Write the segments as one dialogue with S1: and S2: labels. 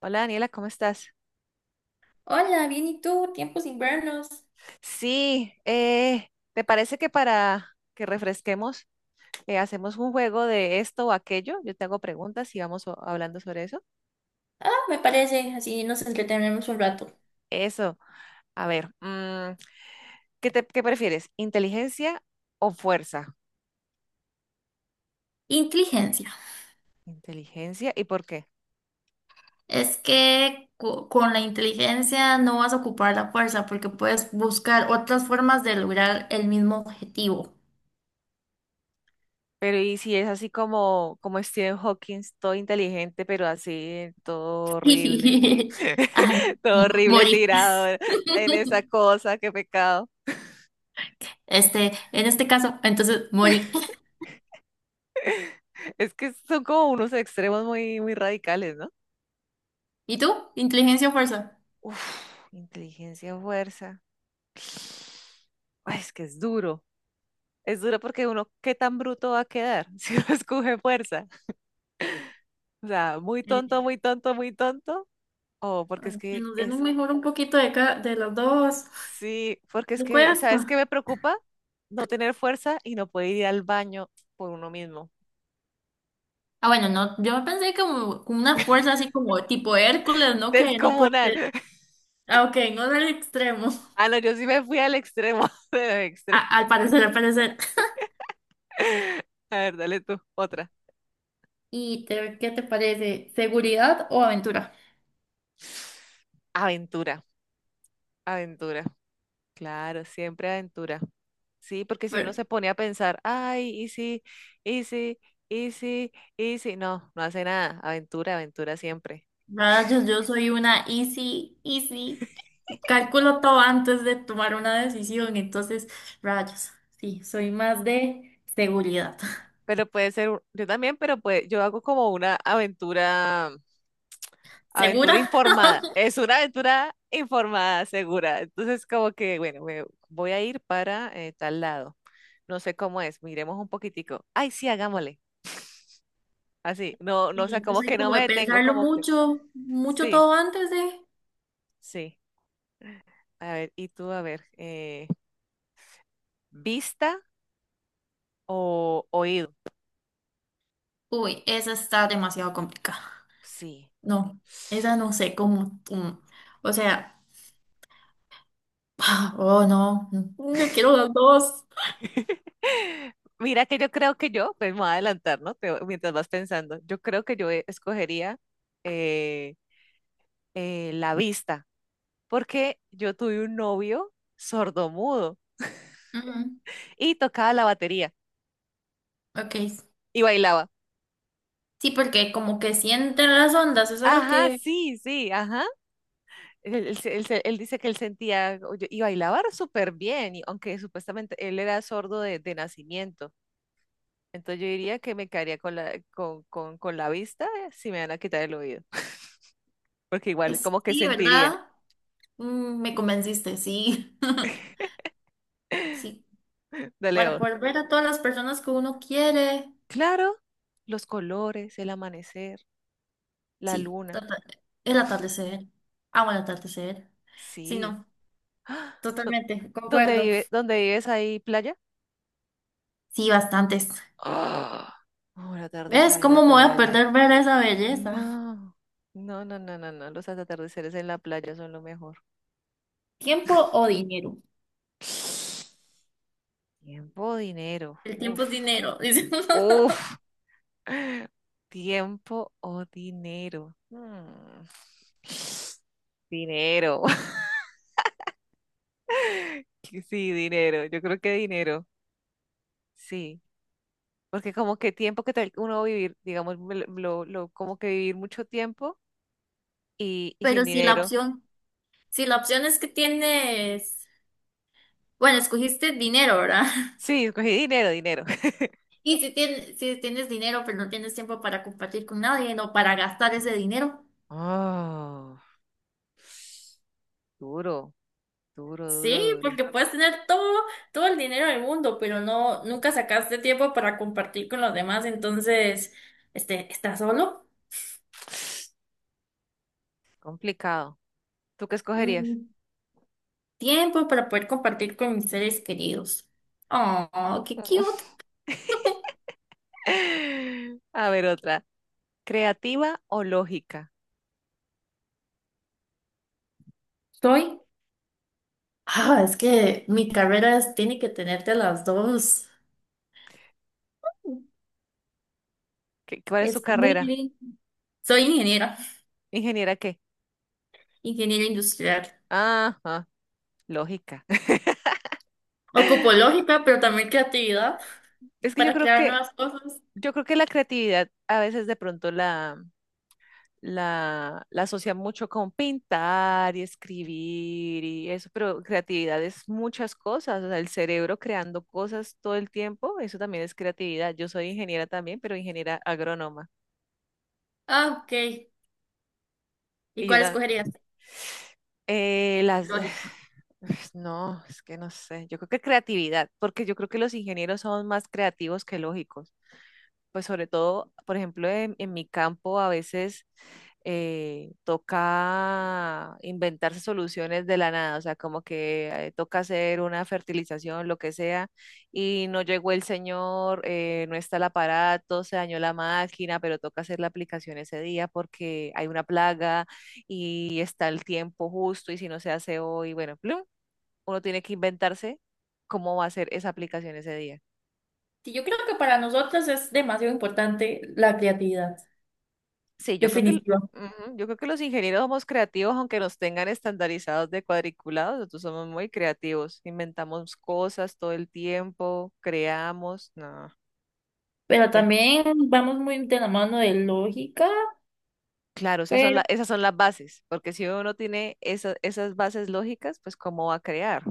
S1: Hola Daniela, ¿cómo estás?
S2: Hola, bien, ¿y tú? Tiempos invernos.
S1: Sí, ¿te parece que para que refresquemos, hacemos un juego de esto o aquello? Yo te hago preguntas y vamos hablando sobre eso.
S2: Ah, me parece, así nos entretenemos un rato.
S1: Eso, a ver, ¿qué prefieres? ¿Inteligencia o fuerza?
S2: Inteligencia.
S1: Inteligencia, ¿y por qué?
S2: Es que con la inteligencia no vas a ocupar la fuerza porque puedes buscar otras formas de lograr el mismo objetivo.
S1: Pero ¿y si es así como, como Stephen Hawking, todo inteligente, pero así, todo horrible,
S2: Ay,
S1: todo horrible
S2: morí.
S1: tirado en esa cosa, qué pecado?
S2: Este, en este caso, entonces morí.
S1: Es que son como unos extremos muy, muy radicales, ¿no?
S2: ¿Y tú? ¿Inteligencia o fuerza?
S1: Uf, inteligencia, fuerza. Ay, es que es duro. Es duro porque uno, ¿qué tan bruto va a quedar si uno escoge fuerza? O sea, muy tonto,
S2: Eh,
S1: muy tonto, muy tonto. O porque es
S2: Ay, que
S1: que
S2: nos den un
S1: es,
S2: mejor un poquito de, de las dos.
S1: sí, porque es
S2: Me
S1: que, ¿sabes qué
S2: cuesta.
S1: me preocupa? No tener fuerza y no poder ir al baño por uno mismo.
S2: Ah, bueno, no, yo pensé como con una fuerza así como tipo Hércules, ¿no? Que no puede
S1: Descomunal.
S2: ser. Ah, ok, no del extremo.
S1: Ah, no, yo sí me fui al extremo, del extremo.
S2: Al parecer, al parecer.
S1: A ver, dale tú, otra.
S2: ¿Y qué te parece? ¿Seguridad o aventura?
S1: Aventura, aventura. Claro, siempre aventura. Sí, porque si uno
S2: Pero,
S1: se pone a pensar, ay, y sí, y sí, y sí, y sí, no, no hace nada. Aventura, aventura siempre.
S2: rayos, yo soy una easy, easy. Calculo todo antes de tomar una decisión, entonces, rayos. Sí, soy más de seguridad.
S1: Pero puede ser, yo también, pero pues yo hago como una aventura, aventura
S2: ¿Segura?
S1: informada. Es una aventura informada, segura. Entonces, como que, bueno, me voy a ir para tal lado. No sé cómo es, miremos un poquitico. Ay, sí, hagámosle. Así, no, no, o sea,
S2: Y yo
S1: como que
S2: soy
S1: no
S2: como
S1: me
S2: de
S1: detengo,
S2: pensarlo
S1: como que,
S2: mucho, mucho
S1: sí,
S2: todo antes de...
S1: sí. A ver, y tú, a ver, ¿vista o oído?
S2: Uy, esa está demasiado complicada.
S1: Sí.
S2: No, esa no sé cómo. O sea, oh no, no quiero las dos.
S1: Mira que yo creo que yo, pues me voy a adelantar, ¿no? Mientras vas pensando, yo creo que yo escogería eh, la vista, porque yo tuve un novio sordomudo
S2: Ujú.
S1: y tocaba la batería
S2: Ok.
S1: y bailaba.
S2: Sí, porque como que sienten las ondas, es algo
S1: Ajá,
S2: que
S1: sí, sí, ajá. Él, él dice que él sentía oye, y bailaba súper bien, y aunque supuestamente él era sordo de nacimiento. Entonces yo diría que me quedaría con la vista si me van a quitar el oído, porque igual
S2: es,
S1: como que
S2: sí,
S1: sentiría.
S2: ¿verdad? Mm, me convenciste, sí. Sí,
S1: Dale
S2: para
S1: otro.
S2: poder ver a todas las personas que uno quiere.
S1: Claro, los colores, el amanecer, la
S2: Sí,
S1: luna.
S2: el atardecer. Amo el atardecer. Sí,
S1: Sí.
S2: no,
S1: ¡Ah! ¿Dó-
S2: totalmente,
S1: ¿Dónde
S2: concuerdo.
S1: vives ahí, playa?
S2: Sí, bastantes.
S1: ¡Ah! Oh, atardecer
S2: ¿Ves
S1: en la
S2: cómo me voy a
S1: playa.
S2: perder ver esa belleza?
S1: No, no, no, no, no, no. Los atardeceres en la playa son lo mejor.
S2: ¿Tiempo o dinero?
S1: Tiempo, dinero.
S2: El tiempo es
S1: Uf,
S2: dinero, dice.
S1: uf. Tiempo o dinero. Hmm, dinero. Sí, dinero. Yo creo que dinero. Sí. Porque como que tiempo que tal uno va a vivir, digamos, me lo- como que vivir mucho tiempo y sin
S2: Pero si la
S1: dinero.
S2: opción, si la opción es que tienes, bueno, escogiste dinero, ¿verdad?
S1: Sí, escogí dinero, dinero.
S2: Y si tienes, si tienes dinero, pero no tienes tiempo para compartir con nadie, no para gastar ese dinero.
S1: Oh, duro, duro, duro,
S2: Sí,
S1: duro.
S2: porque puedes tener todo, todo el dinero del mundo, pero no, nunca sacaste tiempo para compartir con los demás, entonces, este, ¿estás solo?
S1: Complicado. ¿Tú qué escogerías?
S2: Mm, tiempo para poder compartir con mis seres queridos. Oh, qué cute.
S1: A ver, otra. ¿Creativa o lógica?
S2: Soy. Ah, es que mi carrera tiene que tenerte a las dos.
S1: ¿Cuál es su
S2: Es muy
S1: carrera?
S2: lindo. Soy ingeniera,
S1: ¿Ingeniera qué?
S2: ingeniera industrial.
S1: Ajá, lógica.
S2: Ocupo lógica, pero también creatividad
S1: Es que yo
S2: para
S1: creo
S2: crear
S1: que,
S2: nuevas cosas.
S1: yo creo que la creatividad a veces de pronto la asocia mucho con pintar y escribir y eso, pero creatividad es muchas cosas, o sea, el cerebro creando cosas todo el tiempo, eso también es creatividad. Yo soy ingeniera también, pero ingeniera agrónoma.
S2: Ah, ok. ¿Y
S1: Y yo
S2: cuál escogerías?
S1: también, las,
S2: Lógica.
S1: no, es que no sé, yo creo que creatividad, porque yo creo que los ingenieros son más creativos que lógicos. Pues sobre todo, por ejemplo, en mi campo a veces toca inventarse soluciones de la nada, o sea, como que toca hacer una fertilización, lo que sea, y no llegó el señor, no está el aparato, se dañó la máquina, pero toca hacer la aplicación ese día porque hay una plaga y está el tiempo justo y si no se hace hoy, bueno, plum, uno tiene que inventarse cómo va a ser esa aplicación ese día.
S2: Sí, yo creo que para nosotros es demasiado importante la creatividad,
S1: Sí, yo creo que, el-
S2: definitiva.
S1: ujú, yo creo que los ingenieros somos creativos, aunque nos tengan estandarizados de cuadriculados, nosotros somos muy creativos, inventamos cosas todo el tiempo, creamos, no.
S2: Pero
S1: ve-
S2: también vamos muy de la mano de lógica,
S1: Claro, esas son
S2: pero
S1: esas son las bases, porque si uno no tiene esas bases lógicas, pues ¿cómo va a crear?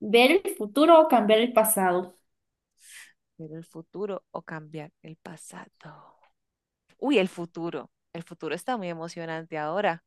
S2: ver el futuro o cambiar el pasado.
S1: Ver el futuro o cambiar el pasado. Uy, el futuro. El futuro está muy emocionante ahora.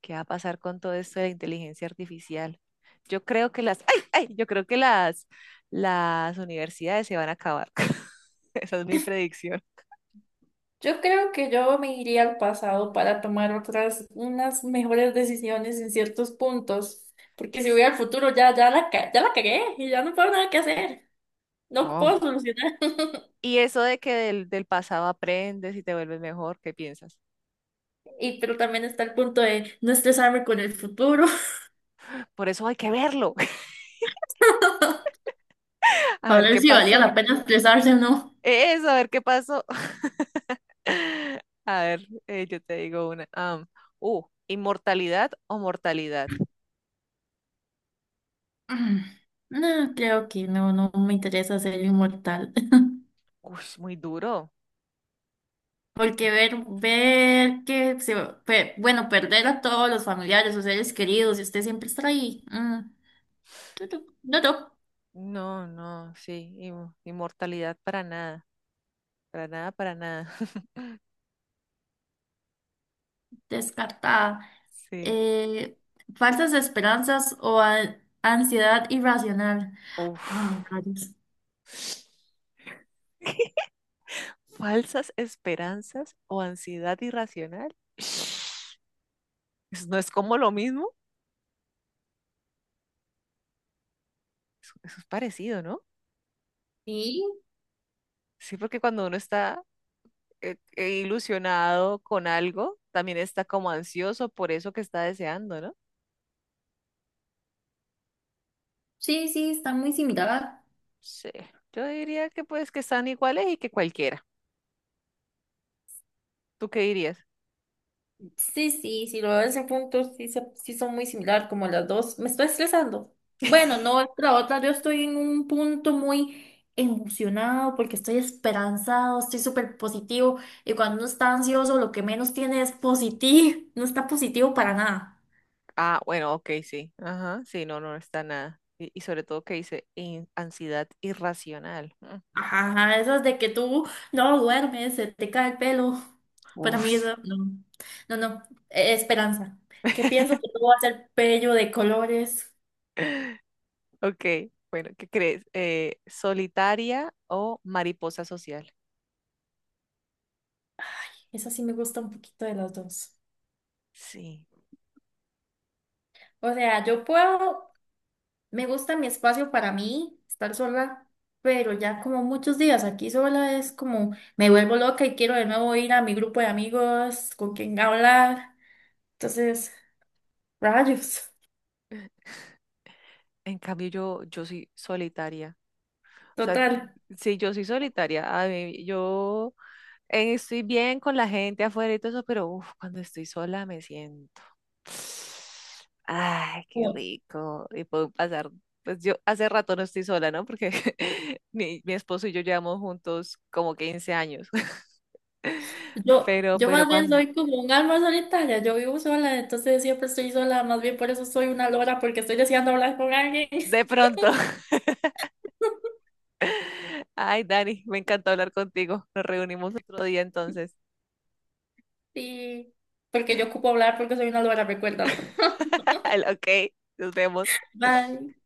S1: ¿Qué va a pasar con todo esto de la inteligencia artificial? Yo creo que las universidades se van a acabar. Esa es mi predicción.
S2: Yo creo que yo me iría al pasado para tomar otras, unas mejores decisiones en ciertos puntos, porque si voy al futuro ya, ya la, ya la cagué y ya no puedo nada que hacer, no
S1: Oh.
S2: puedo solucionar.
S1: Y eso de que del pasado aprendes y te vuelves mejor, ¿qué piensas?
S2: Y pero también está el punto de no estresarme con el futuro,
S1: Por eso hay que verlo, a
S2: para
S1: ver
S2: ver
S1: qué
S2: si valía
S1: pasó.
S2: la pena estresarse o no.
S1: Eso, a ver qué pasó. A ver, yo te digo una. ¿Inmortalidad o mortalidad?
S2: Mm, no, creo que no, no me interesa ser inmortal.
S1: Uy, muy duro.
S2: Porque ver, bueno, perder a todos los familiares o seres queridos y usted siempre estar ahí. Mm. Tutup, tutup,
S1: No, no, sí, inmortalidad para nada. Para nada, para nada.
S2: descartada.
S1: Sí.
S2: Eh, Falsas esperanzas o ansiedad irracional. Ah,
S1: Uf.
S2: rayos.
S1: Falsas esperanzas o ansiedad irracional. Eso no es como lo mismo. Eso es parecido, ¿no?
S2: Sí,
S1: Sí, porque cuando uno está ilusionado con algo, también está como ansioso por eso que está deseando, ¿no?
S2: sí, sí, está muy similar.
S1: Sí. Yo diría que pues que están iguales y que cualquiera. ¿Tú qué dirías?
S2: Sí, sí, si lo ves en puntos, sí, sí son muy similar, como las dos. Me estoy estresando. Bueno, no, es que la otra, yo estoy en un punto muy emocionado porque estoy esperanzado, estoy súper positivo. Y cuando uno está ansioso, lo que menos tiene es positivo, no está positivo para nada.
S1: Ah, bueno, ok, sí. Ajá, sí, no, no está nada. Y sobre todo que dice ansiedad irracional. Mm,
S2: Ajá, esas de que tú no duermes, se te cae el pelo. Para mí
S1: uf.
S2: eso, no, no, no, esperanza. Que pienso que tú vas a ser bello de colores.
S1: Ok, bueno, ¿qué crees? ¿Solitaria o mariposa social?
S2: Esa sí me gusta un poquito de las dos.
S1: Sí,
S2: O sea, yo puedo, me gusta mi espacio para mí, estar sola, pero ya como muchos días aquí sola es como me vuelvo loca y quiero de nuevo ir a mi grupo de amigos con quien hablar. Entonces, rayos,
S1: en cambio yo, yo soy solitaria. O sea,
S2: total.
S1: sí, yo soy solitaria. A mí, yo estoy bien con la gente afuera y todo eso, pero uf, cuando estoy sola me siento. Ay, qué rico. Y puedo pasar, pues yo hace rato no estoy sola, ¿no? Porque mi esposo y yo llevamos juntos como 15 años.
S2: Yo, yo
S1: Pero
S2: más bien
S1: cuando,
S2: soy como un alma solitaria, yo vivo sola, entonces siempre estoy sola, más bien por eso soy una lora, porque estoy deseando hablar con alguien.
S1: de pronto. Ay, Dani, me encantó hablar contigo. Nos reunimos otro día entonces.
S2: Sí, porque yo ocupo hablar porque soy una lora, recuérdalo.
S1: Ok, nos vemos.
S2: Bye.